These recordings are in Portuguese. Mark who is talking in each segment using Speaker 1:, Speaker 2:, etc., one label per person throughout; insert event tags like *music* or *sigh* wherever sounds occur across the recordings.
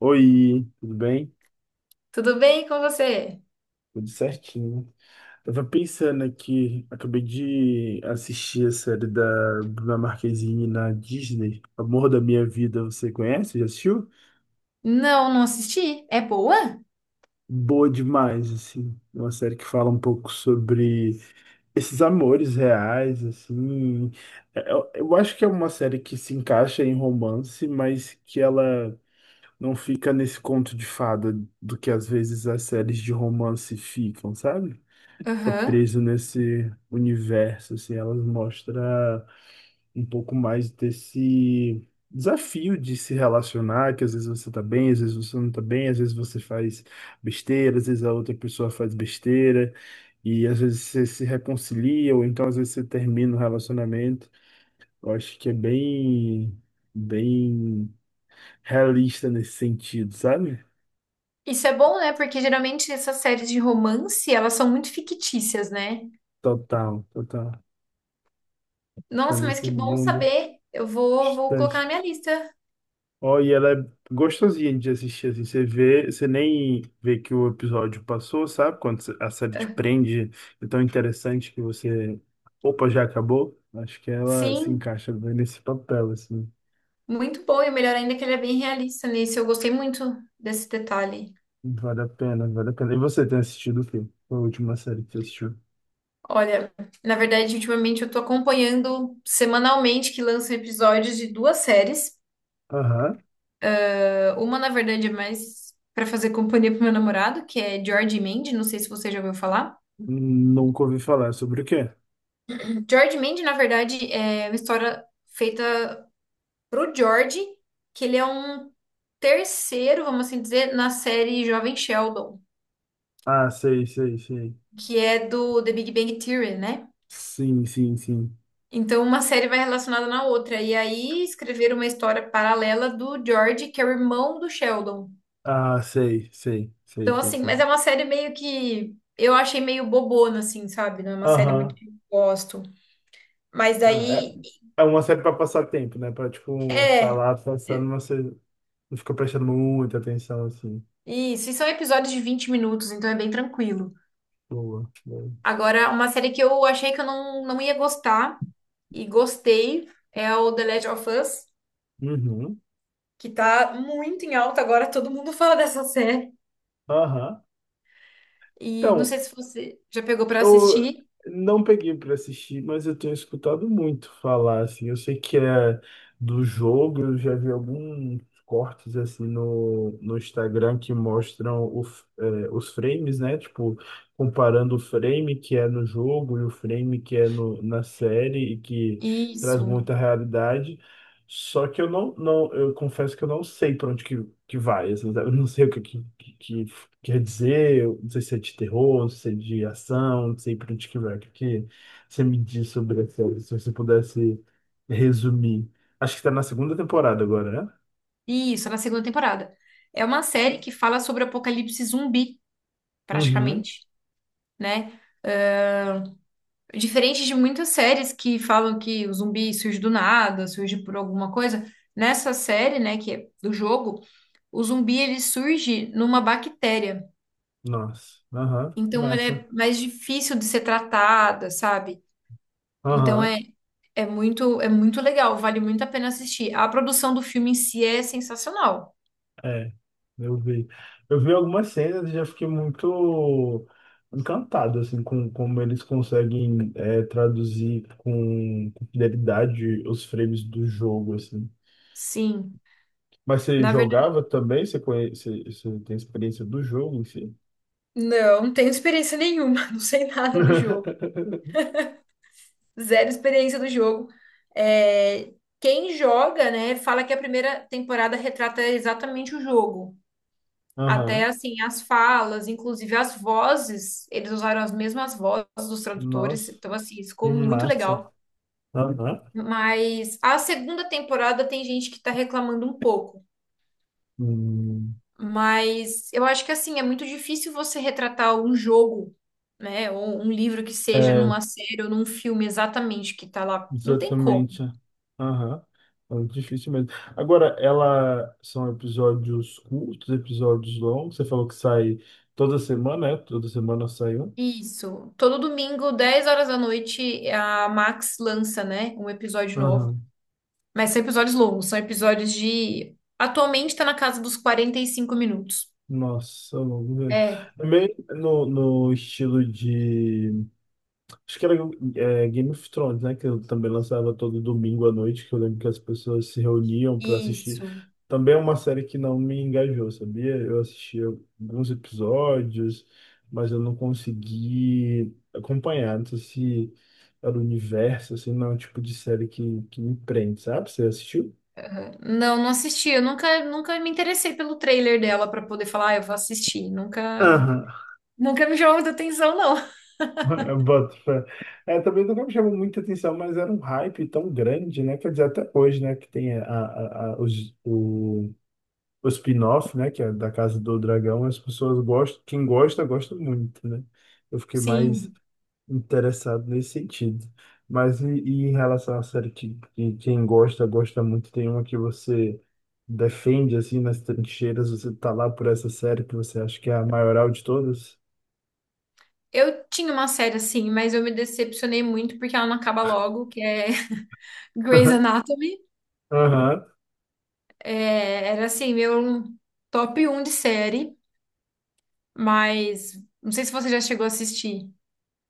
Speaker 1: Oi, tudo bem?
Speaker 2: Tudo bem com você?
Speaker 1: Tudo certinho. Tava pensando aqui, acabei de assistir a série da Bruna Marquezine na Disney, Amor da Minha Vida, você conhece? Já assistiu?
Speaker 2: Não, não assisti. É boa?
Speaker 1: Boa demais, assim. É uma série que fala um pouco sobre esses amores reais, assim. Eu acho que é uma série que se encaixa em romance, mas que ela não fica nesse conto de fada do que às vezes as séries de romance ficam, sabe? Fica
Speaker 2: Aham.
Speaker 1: preso nesse universo, assim, elas mostra um pouco mais desse desafio de se relacionar, que às vezes você tá bem, às vezes você não tá bem, às vezes você faz besteira, às vezes a outra pessoa faz besteira, e às vezes você se reconcilia, ou então às vezes você termina o relacionamento. Eu acho que é bem realista nesse sentido, sabe?
Speaker 2: Isso é bom, né? Porque geralmente essas séries de romance, elas são muito fictícias, né?
Speaker 1: Total, total. Tá
Speaker 2: Nossa, mas
Speaker 1: nesse
Speaker 2: que bom
Speaker 1: mundo
Speaker 2: saber. Eu vou colocar na
Speaker 1: distante.
Speaker 2: minha lista.
Speaker 1: Ó, e ela é gostosinha de assistir, assim, você vê, você nem vê que o episódio passou, sabe? Quando a série te prende, é tão interessante que você, opa, já acabou. Acho que ela se
Speaker 2: Sim,
Speaker 1: encaixa bem nesse papel, assim.
Speaker 2: muito bom. E o melhor ainda é que ele é bem realista nisso. Eu gostei muito desse detalhe.
Speaker 1: Vale a pena, vale a pena. E você tem assistido o quê? Qual a última série que você assistiu?
Speaker 2: Olha, na verdade, ultimamente eu tô acompanhando semanalmente que lançam episódios de duas séries.
Speaker 1: Aham.
Speaker 2: Ah, uma, na verdade, é mais pra fazer companhia pro meu namorado, que é George e Mandy. Não sei se você já ouviu falar.
Speaker 1: Nunca ouvi falar sobre o quê?
Speaker 2: George Mandy, na verdade, é uma história feita pro George, que ele é um terceiro, vamos assim dizer, na série Jovem Sheldon,
Speaker 1: Ah, sei, sei, sei.
Speaker 2: que é do The Big Bang Theory, né?
Speaker 1: Sim, sim, sim.
Speaker 2: Então, uma série vai relacionada na outra. E aí, escreveram uma história paralela do George, que é o irmão do Sheldon.
Speaker 1: Ah, sei, sei, sei,
Speaker 2: Então,
Speaker 1: sei,
Speaker 2: assim,
Speaker 1: sim.
Speaker 2: mas é uma série meio que... Eu achei meio bobona, assim, sabe? Não é uma série muito
Speaker 1: Aham.
Speaker 2: que eu gosto. Mas
Speaker 1: Ah, é-
Speaker 2: daí,
Speaker 1: É uma série pra passar tempo, né? Pra, tipo, você tá
Speaker 2: é...
Speaker 1: lá passando, mas você não fica prestando muita atenção, assim.
Speaker 2: Isso, e são episódios de 20 minutos, então é bem tranquilo.
Speaker 1: Boa, boa.
Speaker 2: Agora, uma série que eu achei que eu não ia gostar e gostei é o The Last of Us,
Speaker 1: Uhum.
Speaker 2: que tá muito em alta agora, todo mundo fala dessa série.
Speaker 1: Aham.
Speaker 2: E não
Speaker 1: Então,
Speaker 2: sei se você já pegou pra
Speaker 1: eu
Speaker 2: assistir.
Speaker 1: não peguei pra assistir, mas eu tenho escutado muito falar, assim. Eu sei que é do jogo, eu já vi alguns cortes, assim, no Instagram que mostram os frames, né? Tipo, comparando o frame que é no jogo e o frame que é no, na série e que traz
Speaker 2: Isso,
Speaker 1: muita realidade. Só que eu confesso que eu não sei para onde que vai, assim. Eu não sei o que quer dizer. Eu não sei se é de terror, não sei se é de ação, não sei para onde que vai. O que você me diz sobre essa, se você pudesse resumir. Acho que está na segunda temporada agora, né?
Speaker 2: isso, na segunda temporada. É uma série que fala sobre apocalipse zumbi,
Speaker 1: Uhum.
Speaker 2: praticamente, né? Diferente de muitas séries que falam que o zumbi surge do nada, surge por alguma coisa, nessa série, né, que é do jogo, o zumbi ele surge numa bactéria.
Speaker 1: Nossa. Aham.
Speaker 2: Então ela
Speaker 1: Massa.
Speaker 2: é mais difícil de ser tratada, sabe? Então é,
Speaker 1: Aham.
Speaker 2: é muito é muito legal, vale muito a pena assistir. A produção do filme em si é sensacional.
Speaker 1: É, eu vi. Eu vi algumas cenas e já fiquei muito encantado, assim, com como eles conseguem traduzir com fidelidade os frames do jogo, assim.
Speaker 2: Sim,
Speaker 1: Mas você
Speaker 2: na verdade.
Speaker 1: jogava também? Você conhece, você tem experiência do jogo em si?
Speaker 2: Não, não tenho experiência nenhuma, *laughs* não sei nada do jogo.
Speaker 1: *laughs*
Speaker 2: Zero experiência do jogo. É, quem joga, né, fala que a primeira temporada retrata exatamente o jogo. Até
Speaker 1: Aham.
Speaker 2: assim, as falas, inclusive as vozes, eles usaram as mesmas vozes dos
Speaker 1: Nossa,
Speaker 2: tradutores, então assim, isso
Speaker 1: que
Speaker 2: ficou muito
Speaker 1: massa.
Speaker 2: legal.
Speaker 1: Aham.
Speaker 2: Mas a segunda temporada tem gente que tá reclamando um pouco.
Speaker 1: Hum.
Speaker 2: Mas eu acho que assim, é muito difícil você retratar um jogo, né? Ou um livro que seja
Speaker 1: É,
Speaker 2: numa série ou num filme exatamente que tá lá. Não tem como.
Speaker 1: Exatamente. Aham. É difícil mesmo. Agora, ela são episódios curtos, episódios longos. Você falou que sai toda semana, é? Toda semana sai um.
Speaker 2: Isso. Todo domingo, 10 horas da noite, a Max lança, né? Um episódio novo.
Speaker 1: Aham.
Speaker 2: Mas são episódios longos, são episódios de. Atualmente tá na casa dos 45 minutos.
Speaker 1: Nossa, longo mesmo.
Speaker 2: É,
Speaker 1: Também no estilo de Acho que era é, Game of Thrones, né? Que eu também lançava todo domingo à noite, que eu lembro que as pessoas se reuniam para assistir.
Speaker 2: isso.
Speaker 1: Também é uma série que não me engajou, sabia? Eu assistia alguns episódios, mas eu não consegui acompanhar. Não sei se era o universo, assim, não é o tipo de série que me prende, sabe? Você assistiu?
Speaker 2: Não, não assisti. Eu nunca, nunca me interessei pelo trailer dela pra poder falar, ah, eu vou assistir. Nunca,
Speaker 1: Aham. *laughs*
Speaker 2: nunca me chamou muita atenção, não.
Speaker 1: Eu boto fé. É, também nunca me chamou muita atenção, mas era um hype tão grande, né? Quer dizer, até hoje, né? Que tem a, os, o spin-off, né, que é da Casa do Dragão, as pessoas gostam, quem gosta, gosta muito, né? Eu fiquei mais
Speaker 2: Sim.
Speaker 1: interessado nesse sentido. Mas e em relação à série que quem gosta, gosta muito, tem uma que você defende, assim, nas trincheiras, você tá lá por essa série que você acha que é a maioral de todas?
Speaker 2: Eu tinha uma série assim, mas eu me decepcionei muito porque ela não acaba logo, que é *laughs* Grey's
Speaker 1: *laughs*
Speaker 2: Anatomy.
Speaker 1: Aham.
Speaker 2: É, era assim, meu top um de série, mas não sei se você já chegou a assistir.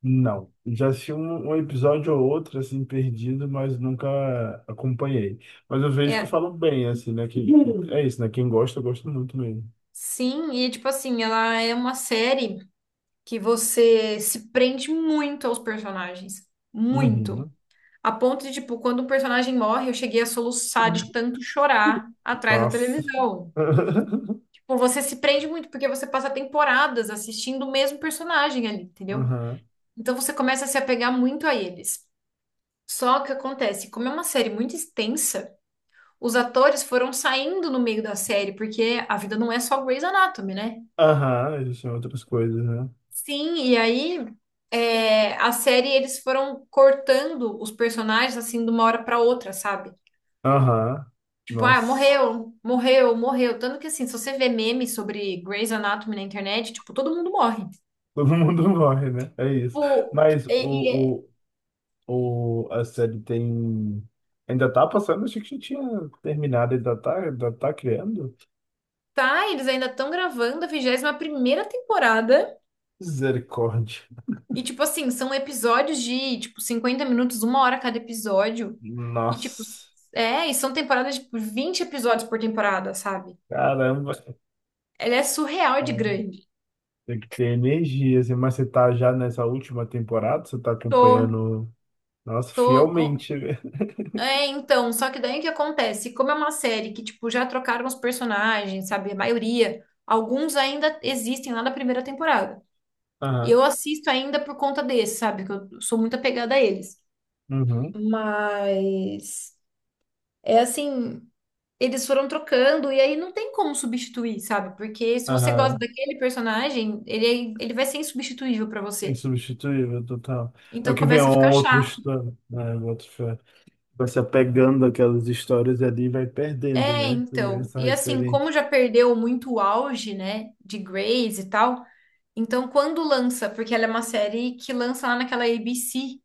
Speaker 1: Não, já assisti um episódio ou outro, assim, perdido, mas nunca acompanhei. Mas eu vejo que
Speaker 2: É,
Speaker 1: falam bem, assim, né? Que, é isso, né? Quem gosta, gosta muito mesmo.
Speaker 2: sim, e tipo assim, ela é uma série que você se prende muito aos personagens. Muito.
Speaker 1: Uhum.
Speaker 2: A ponto de, tipo, quando um personagem morre, eu cheguei a soluçar de tanto chorar atrás da
Speaker 1: Nossa.
Speaker 2: televisão.
Speaker 1: *laughs*
Speaker 2: Tipo, você se prende muito, porque você passa temporadas assistindo o mesmo personagem ali, entendeu?
Speaker 1: Aham.
Speaker 2: Então você começa a se apegar muito a eles. Só que acontece, como é uma série muito extensa, os atores foram saindo no meio da série, porque a vida não é só Grey's Anatomy, né?
Speaker 1: Aham, existem outras coisas, né?
Speaker 2: Sim, e aí a série eles foram cortando os personagens assim de uma hora pra outra, sabe?
Speaker 1: Aham.
Speaker 2: Tipo, ah,
Speaker 1: Nossa.
Speaker 2: morreu, morreu, morreu. Tanto que assim, se você vê memes sobre Grey's Anatomy na internet, tipo, todo mundo morre.
Speaker 1: Todo mundo *laughs* morre, né? É isso.
Speaker 2: Tipo,
Speaker 1: Mas
Speaker 2: e, e é-
Speaker 1: a série tem. Ainda tá passando? Achei que já tinha terminado. Ainda tá criando?
Speaker 2: tá, eles ainda estão gravando a 21ª temporada.
Speaker 1: Misericórdia.
Speaker 2: E, tipo assim, são episódios de, tipo, 50 minutos, uma hora cada episódio. E, tipo,
Speaker 1: Nossa.
Speaker 2: e são temporadas de tipo, 20 episódios por temporada, sabe?
Speaker 1: Caramba.
Speaker 2: Ela é surreal de
Speaker 1: É,
Speaker 2: grande.
Speaker 1: tem que ter energia, assim. Mas você tá já nessa última temporada? Você tá
Speaker 2: Tô,
Speaker 1: acompanhando. Nossa,
Speaker 2: tô,
Speaker 1: fielmente, né?
Speaker 2: É, então, só que daí o que acontece? Como é uma série que, tipo, já trocaram os personagens, sabe? A maioria, alguns ainda existem lá da primeira temporada.
Speaker 1: *laughs* Aham.
Speaker 2: Eu assisto ainda por conta desse, sabe? Que eu sou muito apegada a eles.
Speaker 1: Uhum.
Speaker 2: Mas é assim, eles foram trocando e aí não tem como substituir, sabe? Porque se você gosta
Speaker 1: Aham.
Speaker 2: daquele personagem, ele vai ser insubstituível pra você.
Speaker 1: Insubstituível, total. É o
Speaker 2: Então
Speaker 1: que vem é
Speaker 2: começa a
Speaker 1: uma
Speaker 2: ficar
Speaker 1: outra
Speaker 2: chato.
Speaker 1: história, né? Outra fé. Vai se apegando àquelas histórias ali e vai perdendo,
Speaker 2: É,
Speaker 1: né? Também
Speaker 2: então.
Speaker 1: essa
Speaker 2: E assim,
Speaker 1: referência.
Speaker 2: como já perdeu muito o auge, né, de Grace e tal, então, quando lança, porque ela é uma série que lança lá naquela ABC,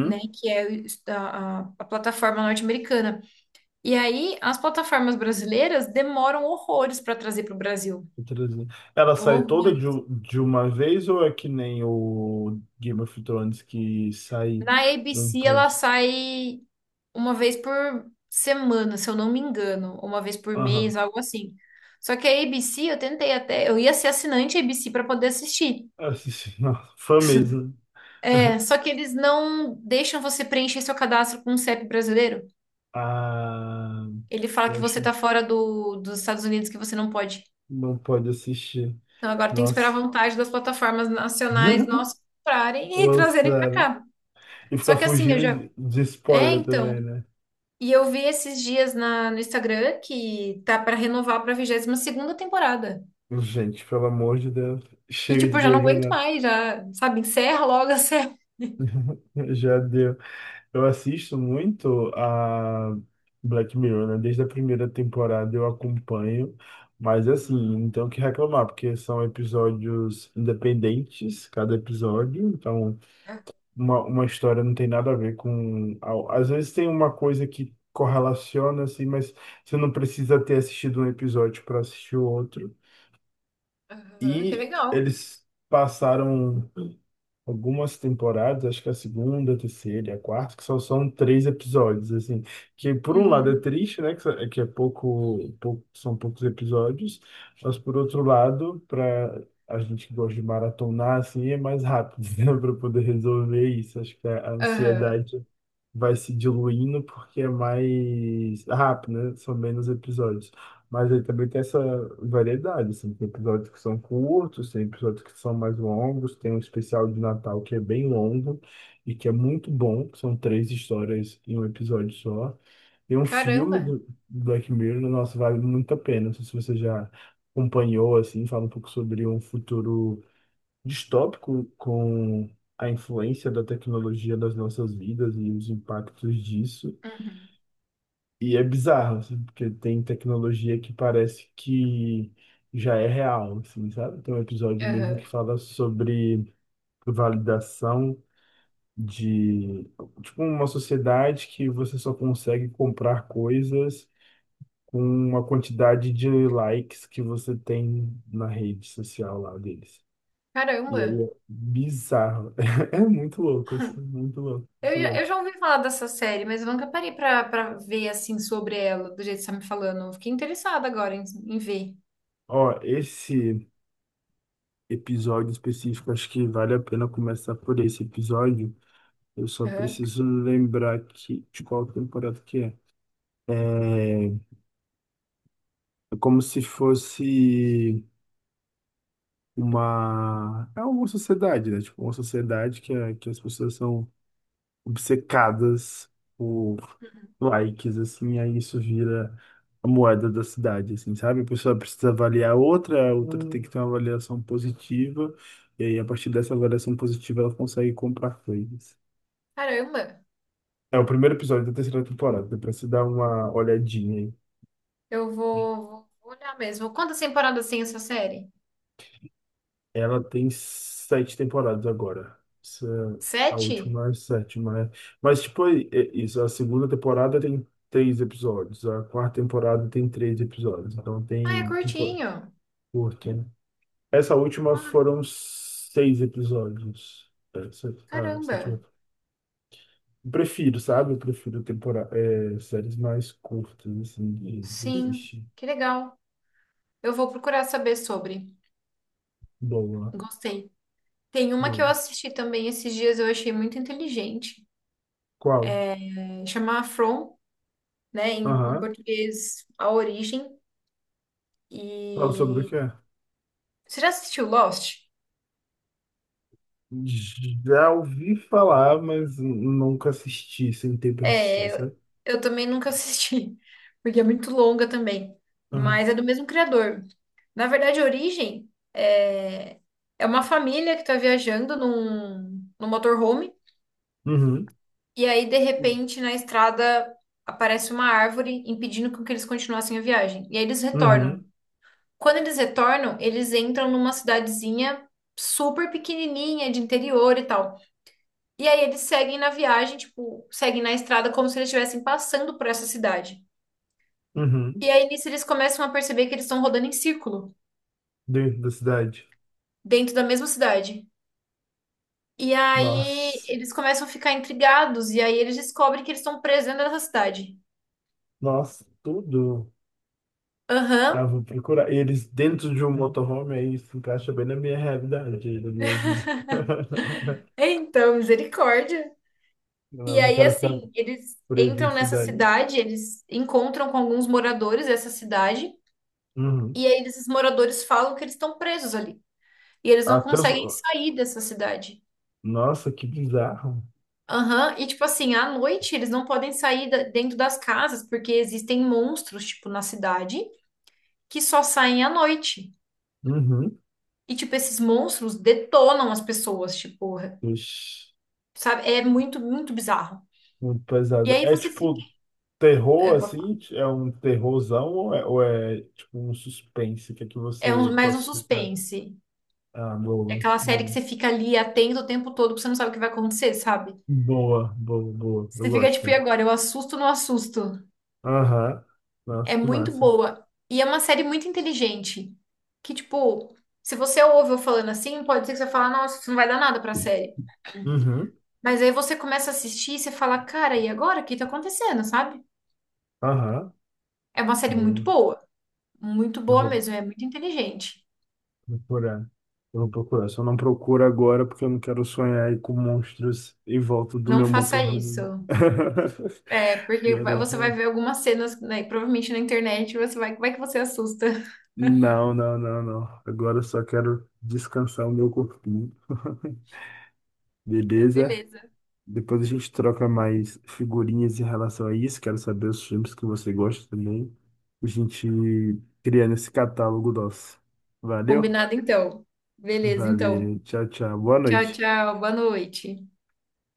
Speaker 2: né, que é a plataforma norte-americana. E aí, as plataformas brasileiras demoram horrores para trazer para o Brasil.
Speaker 1: Outras- Ela sai toda
Speaker 2: Horror.
Speaker 1: de uma vez ou é que nem o Game of Thrones que sai
Speaker 2: Na
Speaker 1: num
Speaker 2: ABC, ela
Speaker 1: pouso?
Speaker 2: sai uma vez por semana, se eu não me engano, ou uma vez por
Speaker 1: Aham.
Speaker 2: mês, algo assim. Só que a ABC, eu tentei até, eu ia ser assinante ABC para poder assistir.
Speaker 1: Essa sim, *laughs* nossa, fã mesmo.
Speaker 2: É,
Speaker 1: *laughs*
Speaker 2: só que eles não deixam você preencher seu cadastro com o CEP brasileiro.
Speaker 1: Ah,
Speaker 2: Ele fala que você
Speaker 1: poxa,
Speaker 2: tá fora dos Estados Unidos, que você não pode.
Speaker 1: não pode assistir.
Speaker 2: Então agora tem que esperar
Speaker 1: Nossa.
Speaker 2: a vontade das plataformas nacionais
Speaker 1: *laughs*
Speaker 2: nós comprarem e *laughs* trazerem pra
Speaker 1: Lançaram.
Speaker 2: cá.
Speaker 1: E
Speaker 2: Só
Speaker 1: ficar
Speaker 2: que assim, eu
Speaker 1: fugindo
Speaker 2: já.
Speaker 1: de
Speaker 2: É,
Speaker 1: spoiler
Speaker 2: então.
Speaker 1: também, né?
Speaker 2: E eu vi esses dias no Instagram que tá pra renovar pra 22ª temporada.
Speaker 1: Gente, pelo amor de Deus,
Speaker 2: E
Speaker 1: chega
Speaker 2: tipo,
Speaker 1: de
Speaker 2: eu já não
Speaker 1: Grey's
Speaker 2: aguento
Speaker 1: Anatomy.
Speaker 2: mais, já, sabe, encerra logo a *laughs* série.
Speaker 1: *laughs* Já deu. Eu assisto muito a Black Mirror, né? Desde a primeira temporada eu acompanho, mas assim, não tenho o que reclamar, porque são episódios independentes, cada episódio, então
Speaker 2: Ah,
Speaker 1: uma história não tem nada a ver com. Às vezes tem uma coisa que correlaciona, assim, mas você não precisa ter assistido um episódio para assistir o outro.
Speaker 2: aham, que
Speaker 1: E
Speaker 2: legal.
Speaker 1: eles passaram algumas temporadas, acho que a segunda, a terceira e a quarta, que só são três episódios, assim. Que por um lado é
Speaker 2: Uhum.
Speaker 1: triste, né? Que é pouco, são poucos episódios, mas por outro lado, para a gente que gosta de maratonar, assim, é mais rápido, *laughs* né? Para poder resolver isso. Acho que a
Speaker 2: Aham.
Speaker 1: ansiedade vai se diluindo porque é mais rápido, né? São menos episódios. Mas aí também tem essa variedade, assim, tem episódios que são curtos, tem episódios que são mais longos, tem um especial de Natal que é bem longo e que é muito bom, que são três histórias em um episódio só. Tem um filme
Speaker 2: Caramba.
Speaker 1: do Black Mirror, nossa, vale muito a pena. Não sei se você já acompanhou, assim, fala um pouco sobre um futuro distópico com a influência da tecnologia nas nossas vidas e os impactos disso.
Speaker 2: Uhum.
Speaker 1: E é bizarro, assim, porque tem tecnologia que parece que já é real, assim, sabe? Tem um episódio mesmo que
Speaker 2: Aham.
Speaker 1: fala sobre validação de, tipo, uma sociedade que você só consegue comprar coisas com uma quantidade de likes que você tem na rede social lá deles. E aí
Speaker 2: Caramba.
Speaker 1: é bizarro. *laughs* É muito louco, isso, é muito louco, muito
Speaker 2: Eu
Speaker 1: louco.
Speaker 2: já ouvi falar dessa série, mas eu nunca parei pra ver assim sobre ela, do jeito que você tá me falando. Eu fiquei interessada agora em ver.
Speaker 1: Ó, esse episódio específico, acho que vale a pena começar por esse episódio. Eu só
Speaker 2: Aham.
Speaker 1: preciso lembrar de qual temporada que é. É, é como se fosse uma. É uma sociedade, né? Tipo, uma sociedade que as pessoas são obcecadas por likes, assim, aí isso vira a moeda da cidade, assim, sabe? A pessoa precisa avaliar outra, a outra tem que ter uma avaliação positiva, e aí a partir dessa avaliação positiva ela consegue comprar coisas.
Speaker 2: Caramba,
Speaker 1: É o primeiro episódio da terceira temporada, depois você dar uma olhadinha aí.
Speaker 2: eu vou olhar mesmo. Quantas temporadas tem essa série?
Speaker 1: Ela tem sete temporadas agora. Essa, é a
Speaker 2: 7?
Speaker 1: última é a sétima, né? Mas, tipo, é isso. A segunda temporada tem três episódios. A quarta temporada tem três episódios. Então,
Speaker 2: Ah, é
Speaker 1: tem temporada
Speaker 2: curtinho.
Speaker 1: curta, né? Essa última
Speaker 2: Ah,
Speaker 1: foram seis episódios. Essa, a
Speaker 2: caramba.
Speaker 1: sétima. Eu Prefiro, sabe? Eu prefiro séries mais curtas, assim, de
Speaker 2: Sim,
Speaker 1: assistir.
Speaker 2: que legal. Eu vou procurar saber sobre.
Speaker 1: Boa,
Speaker 2: Gostei. Tem uma que
Speaker 1: boa.
Speaker 2: eu assisti também esses dias, eu achei muito inteligente.
Speaker 1: Qual?
Speaker 2: É, chama From, né? Em
Speaker 1: Aham.
Speaker 2: português, A Origem.
Speaker 1: Fala sobre o
Speaker 2: E
Speaker 1: que é.
Speaker 2: você já assistiu Lost?
Speaker 1: Já ouvi falar, mas nunca assisti, sentei para assistir,
Speaker 2: É, eu,
Speaker 1: sabe?
Speaker 2: eu também nunca assisti, *laughs* porque é muito longa também.
Speaker 1: Aham.
Speaker 2: Mas é do mesmo criador. Na verdade, a origem é uma família que está viajando num motorhome,
Speaker 1: Uhum.
Speaker 2: e aí, de repente, na estrada aparece uma árvore impedindo com que eles continuassem a viagem. E aí eles retornam.
Speaker 1: Uhum.
Speaker 2: Quando eles retornam, eles entram numa cidadezinha super pequenininha de interior e tal. E aí eles seguem na viagem, tipo, seguem na estrada como se eles estivessem passando por essa cidade.
Speaker 1: Uhum.
Speaker 2: E aí nisso eles começam a perceber que eles estão rodando em círculo,
Speaker 1: Dentro da cidade.
Speaker 2: dentro da mesma cidade. E aí
Speaker 1: Nossa.
Speaker 2: eles começam a ficar intrigados, e aí eles descobrem que eles estão presos dentro dessa cidade.
Speaker 1: Nossa, tudo.
Speaker 2: Aham,
Speaker 1: Ah, vou procurar. Eles dentro de um motorhome, aí se encaixa bem na minha realidade, na minha vida. *laughs*
Speaker 2: então, misericórdia. E
Speaker 1: Eu não
Speaker 2: aí,
Speaker 1: quero ficar
Speaker 2: assim, eles
Speaker 1: preso em
Speaker 2: entram nessa
Speaker 1: cidade.
Speaker 2: cidade, eles encontram com alguns moradores dessa cidade,
Speaker 1: Uhum.
Speaker 2: e aí esses moradores falam que eles estão presos ali. E eles não
Speaker 1: Até os...
Speaker 2: conseguem sair dessa cidade.
Speaker 1: Nossa, que bizarro.
Speaker 2: Aham, e tipo assim, à noite eles não podem sair dentro das casas, porque existem monstros, tipo, na cidade, que só saem à noite.
Speaker 1: Uhum.
Speaker 2: E, tipo, esses monstros detonam as pessoas, tipo,
Speaker 1: Ixi,
Speaker 2: sabe? É muito, muito bizarro.
Speaker 1: muito
Speaker 2: E
Speaker 1: pesado.
Speaker 2: aí
Speaker 1: É
Speaker 2: você fica.
Speaker 1: tipo terror,
Speaker 2: Eu posso falar.
Speaker 1: assim, é um terrorzão ou é, tipo um suspense? O que é que
Speaker 2: É um-
Speaker 1: você
Speaker 2: mais um
Speaker 1: classifica?
Speaker 2: suspense.
Speaker 1: Ah,
Speaker 2: É
Speaker 1: boa.
Speaker 2: aquela série que você fica ali atento o tempo todo, porque você não sabe o que vai acontecer, sabe?
Speaker 1: Boa. Eu
Speaker 2: Você fica tipo,
Speaker 1: gosto.
Speaker 2: e agora? Eu assusto ou não assusto?
Speaker 1: Aham. Nossa,
Speaker 2: É
Speaker 1: que
Speaker 2: muito
Speaker 1: massa.
Speaker 2: boa. E é uma série muito inteligente. Que, tipo, se você ouve eu falando assim, pode ser que você fale, nossa, isso não vai dar nada pra série.
Speaker 1: Uhum.
Speaker 2: Mas aí você começa a assistir e você fala, cara, e agora? O que tá acontecendo, sabe?
Speaker 1: Aham.
Speaker 2: É uma série muito
Speaker 1: Boa.
Speaker 2: boa. Muito
Speaker 1: Eu
Speaker 2: boa
Speaker 1: vou
Speaker 2: mesmo. É muito inteligente.
Speaker 1: procurar. Eu vou procurar. Só não procuro agora porque eu não quero sonhar aí com monstros em volta do
Speaker 2: Não
Speaker 1: meu
Speaker 2: faça
Speaker 1: motorhome.
Speaker 2: isso.
Speaker 1: *laughs*
Speaker 2: É porque
Speaker 1: Agora,
Speaker 2: você vai
Speaker 1: não,
Speaker 2: ver algumas cenas, né, provavelmente na internet, você vai, como é que você assusta? *laughs*
Speaker 1: não, não, não. não. Agora eu só quero descansar o meu corpinho. *laughs*
Speaker 2: Então,
Speaker 1: Beleza?
Speaker 2: beleza.
Speaker 1: Depois a gente troca mais figurinhas em relação a isso. Quero saber os filmes que você gosta também. A gente criando esse catálogo nosso. Valeu?
Speaker 2: Combinado, então. Beleza, então.
Speaker 1: Valeu. Tchau, tchau. Boa
Speaker 2: Tchau,
Speaker 1: noite.
Speaker 2: tchau. Boa noite.